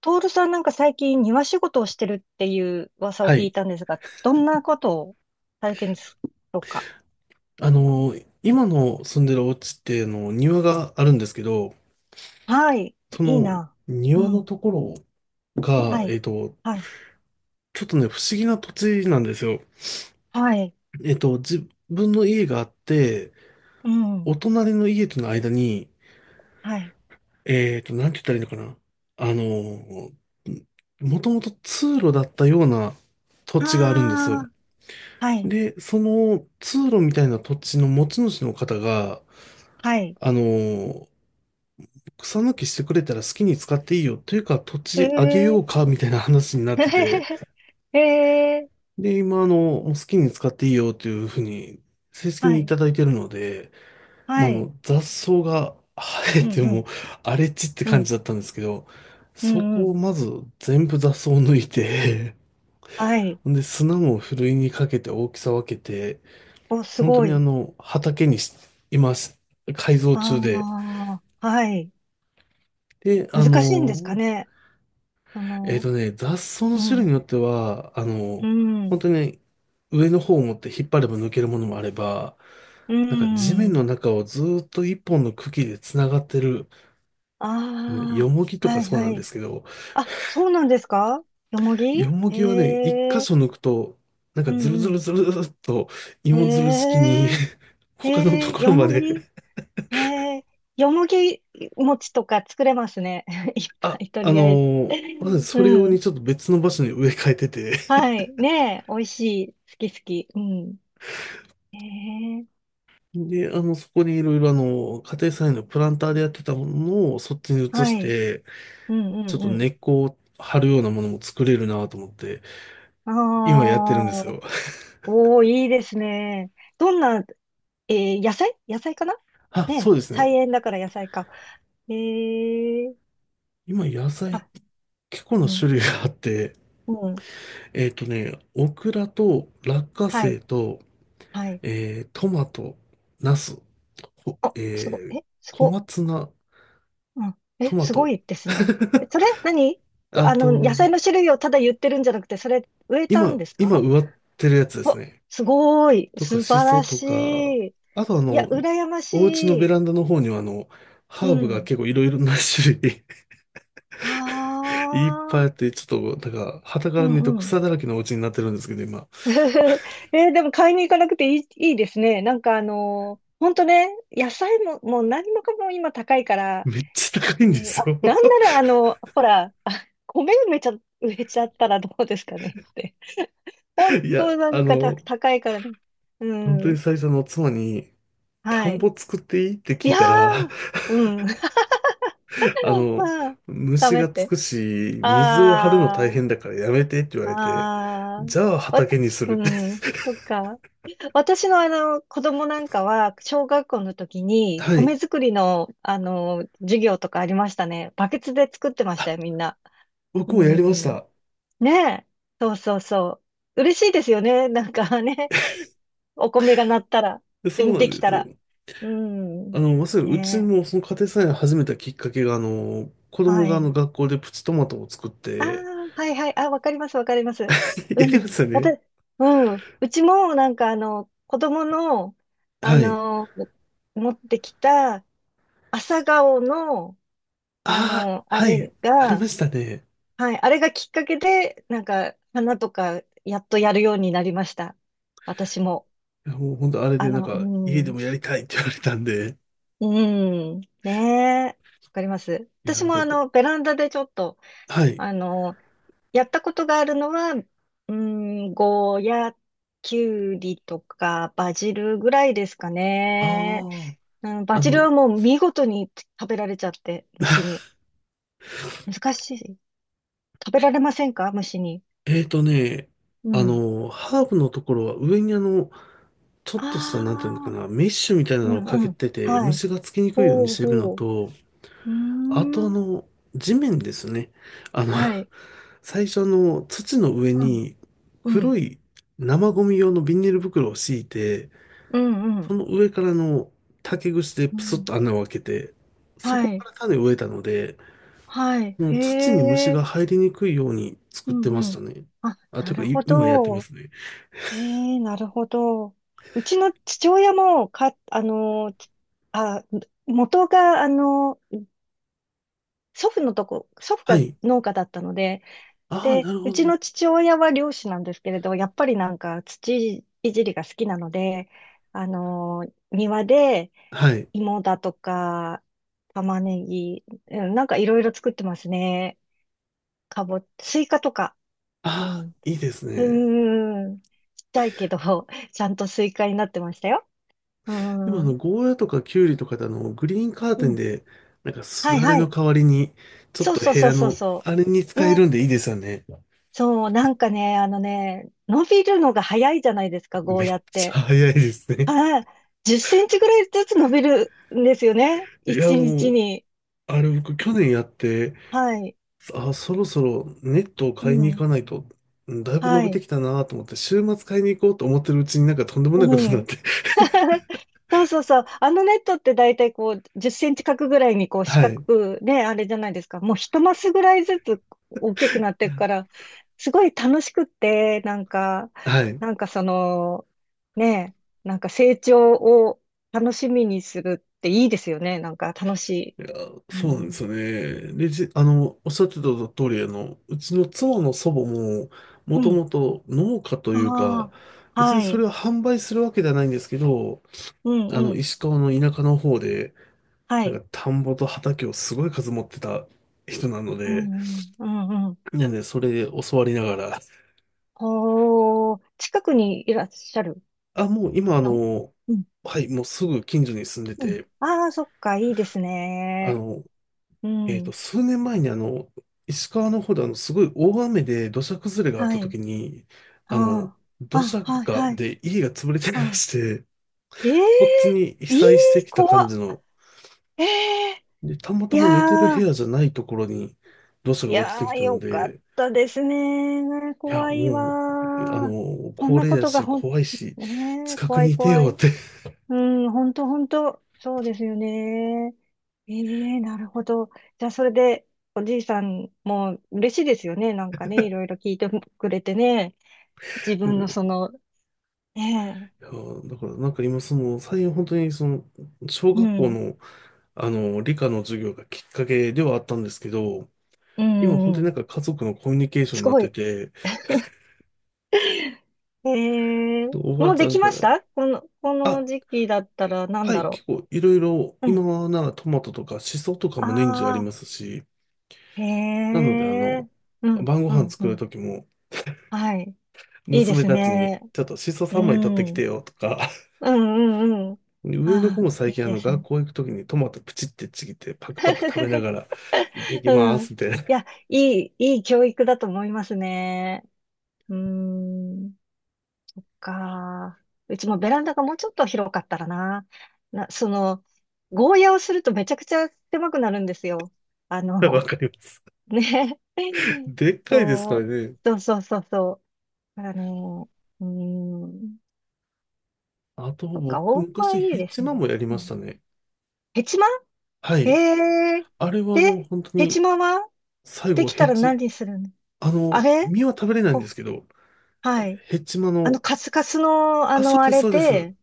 トールさんなんか最近庭仕事をしてるっていう噂をは聞い。いたんですが、どんなことをされてるんですか？あの、今の住んでるお家ってあの庭があるんですけど、はい。そいいのな。う庭のん。ところが、はい。はい。ちょっとね、不思議な土地なんですよ。はい。自分の家があって、うん。お隣の家との間に、はい。なんて言ったらいいのかな。あの、もともと通路だったような土地があるんですあよ。あ。はい。で、その通路みたいな土地の持ち主の方が、はい。あの草抜きしてくれたら好きに使っていいよ。というか、土地あげよえうえか、みたいな話ー。になってて。ええー。で、今、もう好きに使っていいよというふうに、正式はにいい。ただいてるので、まはあ、い。雑草が生えうん。てうん。も、荒れ地ってう感ん。じだったんですけど、うそんうこをん。まず全部雑草を抜いて、はい。ほんで、砂もふるいにかけて大きさ分けて、お、す本当ごにい。畑にし、今し、改造中で、ああ。はい。で、難しいんですかね。その、雑草のう種類ん。によっては、う本ん。当に上の方を持って引っ張れば抜けるものもあれば、うーなんか地面ん。の中をずーっと一本の茎で繋がってる、ヨあモギあ、とかはいそうなはんでい。すけど、あ、そうなんですか？よもぎ？ヨモギはね、一へ箇え、所抜くと、なんかうズルんズうルん。ズルズルっとへ芋づる式に え、他のへとえ、こよろまもでぎ？へえ、よもぎ餅とか作れますね。いっぱあ、い、とありのあえず。まずそれ用うにん。ちょっと別の場所に植え替えてて、はい。ねえ、美味しい。好き好き。うん。へえ、で、そこにいろいろ家庭菜園のプランターでやってたものをそっちに移はしい。て、うちょっんとう根んっこを張るようなものも作れるなと思って、うん。今やってるんですああ、よ。おー、いいですね。どんな？野菜野菜かな？あ、そうね、ですね。菜園だから野菜か。えー、今野菜あ、結構なうん、種類があって、うん、オクラと落花はい、生と、はい。トマト、ナス、ほあ、すご、えー、え、す小ご、松菜、うん、え、トマすごト、いですね。え、それ、何？くああの、野と、菜の種類をただ言ってるんじゃなくて、それ、植えたん今、です今か？植わってるやつですわ、ね。すごい、とか、素シ晴ソらとしか、い。あといや、羨ましお家のベい。ランダの方にはうハーブがん。結構いろいろな種類 あ いっぱいあっあ、て、ちょっと、なんか、傍かうらん、見るとうん。草だらけのお家になってるんですけど、今、でも買いに行かなくていいですね。なんかほんとね、野菜も、もう何もかも今高いから、めっちゃ高いんうでん、すあ、よ なんならほら、あ、米埋めちゃ、植えちゃったらどうですかねって。ほん いとや、なんか高いからね。う本当にん。最初の妻に、田はんい。ぼ作っていいってい聞いやたら、ー、うん。あの、ダ虫メっがつて。くし、水を張るの大あー、変だからやめてって言われて、あー。じゃあわた、畑にするうって ん。そっか。私のあの子供なんかは小学校の時 にはい。米作りのあの授業とかありましたね。バケツで作ってましあ、たよ、みんな。う僕もやりましん。た。ねえ。そうそうそう。嬉しいですよね。なんかね。お米が鳴ったら、そうで、なでんきでたす。ら。うん。まさにうちねもその家庭菜園始めたきっかけが、子え。供はがあい。の学校でプチトマトを作っあて、あ、はいはい。あ、わかります、わかります。やうりまん。したね。うん。うちもなんかあの子供の、あはい。の、持ってきた、朝顔の、ああ、あはれい。ありが、ましたね。はい、あれがきっかけで、なんか、花とか、やっとやるようになりました。私も。いやもう本当あれでなんうか、家でん、もやりたいって言われたんで。うん、ねえ、わかります。い私や、もだから、ベランダでちょっと、はい。あの、やったことがあるのは、うん、ゴーヤ、キュウリとか、バジルぐらいですかね。ああ、うん、バジルはもう見事に食べられちゃって、虫に。難しい。食べられませんか、虫に？えーとね、うん。ハーブのところは上にちょっとした、あなんていうのかあ、な、メッシュみたいなのうをかんうけん。てて、はい。虫がつきにくいようにほうしてるのほう。と、うあとーん。地面ですね。あの、はい。最初の土の上うん。にうん。黒い生ゴミ用のビニール袋を敷いて、うんうそん。の上からの竹串でうプスッん。と穴を開けて、そこはかい。ら種を植えたので、はい。もへう土に虫え。が入りにくいように作うってまんしうたん。ね。あ、あ、となるいうほか、今やってまど。すね。へえ、なるほど。うちの父親も、あ、元が、祖父のとこ、祖父はがい。農家だったので、ああ、で、なるほうちど。の父親は漁師なんですけれど、やっぱりなんか土いじりが好きなので、庭ではい。芋だとか、玉ねぎ、うんなんかいろいろ作ってますね。スイカとか。うああ、ん。いいですね。うーん。ちっちゃいけど、ちゃんとスイカになってましたよ。うでもーん。ゴーヤとかキュウリとかでグリーンカーテうンん。で、なんかすはいだれはのい。代わりに、ちょっそうとそう部そう屋そうの、そあれにう。使えるね。んでいいですよね。そう、なんかね、あのね、伸びるのが早いじゃないですか、ゴめーっヤっちゃて。早いですね。はい。10センチぐらいずつ伸びるんですよね。いや、1も日にちう、に。あれ僕去年やって、はい。あ、そろそろネットをう買いに行ん。かないと、うんだいぶ伸はびてい。きたなと思って、週末買いに行こうと思ってるうちになんかとんでもないことうになっん。て。そうそうそう。あのネットって大体こう、10センチ角ぐらいにこ う、四は角い。くね、あれじゃないですか。もう一マスぐらいずつ大きくなっていくから、すごい楽しくって、なんか、はい。なんかその、ね、なんか成長を楽しみにするっていいですよね。なんか楽しい。いや、うそうなんでん。すよね。レジ、あの、おっしゃってた通り、うちの妻の祖母も、もうとん。もと農家というか、ああ、別にはそれい。を販売するわけではないんですけど、うんうん。石川の田舎の方で、はなんい。か田んぼと畑をすごい数持ってた人なのうで、んうん、うんうん。なんでそれで教わりながら、ほー、近くにいらっしゃるあ、もう今の？うん、はい、もうすぐ近所に住んでうん。て、ああ、そっか、いいですあね。の、うん。数年前に石川の方ですごい大雨で土砂崩れがあっはたい。時に、あの、あ土あ、あ、砂はい、が、はい、で、家が潰れてまはい。して、えこっちえに被ー、いい、災してきた怖感っ。じの、ええで、たまー、いたやま寝てる部ー、屋じゃないところに土砂いが落ちてやきー、たのよかっで、たですね。いや、怖いもう、わー。そん高な齢こだとがし、怖いし、ねえ、近く怖いにいて怖よっい。て いうん、本当本当そうですよね。ええ、なるほど。じゃあ、それで、おじいさんも嬉しいですよね。なんかね、いろいろ聞いてくれてね。自分のその、ねや、だから、なんか今、最近本当に、小え、う学校ん、の、理科の授業がきっかけではあったんですけど、う今、本ん、当うになんん。か家族のコミュニケーションすになっごてい。て、ええ、おばもあうちゃでんきかましら、た？この、こあ、の時期だったらなんはだい、結ろ構、いろいろ、う。う今ん。はならトマトとか、シソとかも年中ありああ、ますし、へなので、え、うん、晩ごう飯ん、う作るん。時も、はい。いいで娘すたちに、ね。ちょっとシソう3枚取ってきてん。よとか、うんうんうん。上の子ああ、もい最近いあでのす学ね。校行くときにトマトプチってちぎってパクパク食べなが ら行ってきまうん。いすみたいな。や、いい教育だと思いますね。うーん。か。うちもベランダがもうちょっと広かったらな。な、その、ゴーヤをするとめちゃくちゃ狭くなるんですよ。あ わの、かります。ね。でっかいですかそらう、ね。そうそうそうそう。だからね、うーん。あとそっか、僕大葉昔いヘいでッすマンね。もやりうましたん、ね。ヘチマ？はい。へえ。あれはで、本当ヘチにマは最で後、きヘたらッ何するの？ああのれ実は食べれないんでこ、すけど、はい。ヘッマンの、カスカスの、あ、そうあですれそうです。で、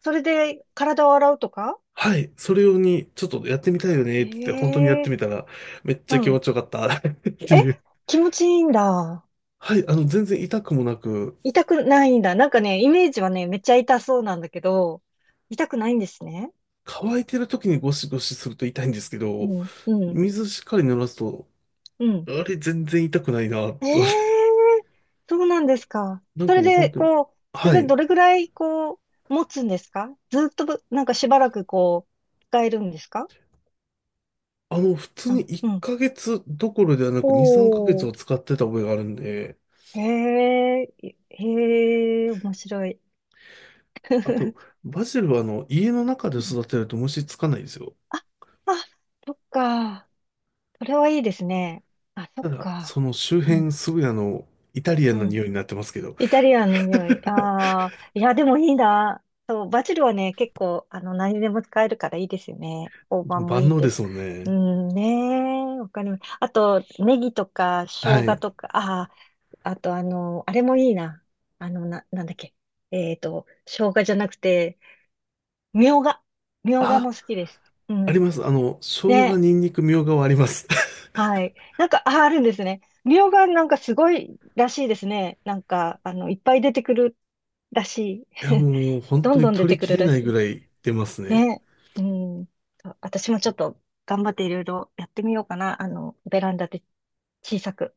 それで体を洗うとか？はい。それ用にちょっとやってみたいよねって言って本当にやっえてえ、みたらめっちゃう気持ん。ちよかった ってえ、いう。気持ちいいんだ。はい。全然痛くもなく、痛くないんだ。なんかね、イメージはね、めっちゃ痛そうなんだけど、痛くないんですね。乾いてる時にゴシゴシすると痛いんですけうど、ん、うん、水しっかり濡らすと、うん。あれ全然痛くないな、えと。え、そうなんですか。なんそかれもうで、本当に、こう、そはれい。どれぐらい、こう、持つんですか？ずっと、なんかしばらく、こう、使えるんですか？普通にあ、う1ん。ヶ月どころではなく2、3ヶ月おー、は使ってた覚えがあるんで、へえ、へえ、面白い。あと、バジルは家の中でうん、育てると虫つかないですよ。あ、あ、そっか。それはいいですね。あ、そたっだ、そか。の周う辺ん、すぐイタリアうンなん。匂いになってますけど、イタリアンの匂い。ああ、いや、でもいいな。そう、バジルはね、結構、何でも使えるからいいですよね。大判も万いい能けでど。すもんうね。ん、ねえ、わかります。あと、ネギとか、は生姜い。とか、ああ、あと、あれもいいな。なんだっけ。生姜じゃなくて、みょうが。みょうがあ、も好きです。うありん。ます。生姜、ね、ニンニク、みょうがはあります。はい。なんか、あ、あるんですね。みょうがなんかすごいらしいですね。なんか、いっぱい出てくるらしい。いや、もう本ど当んどにん出取てりくきるれらないしぐらい出ますい。ね。ね。うん。私もちょっと頑張っていろいろやってみようかな。ベランダで小さく。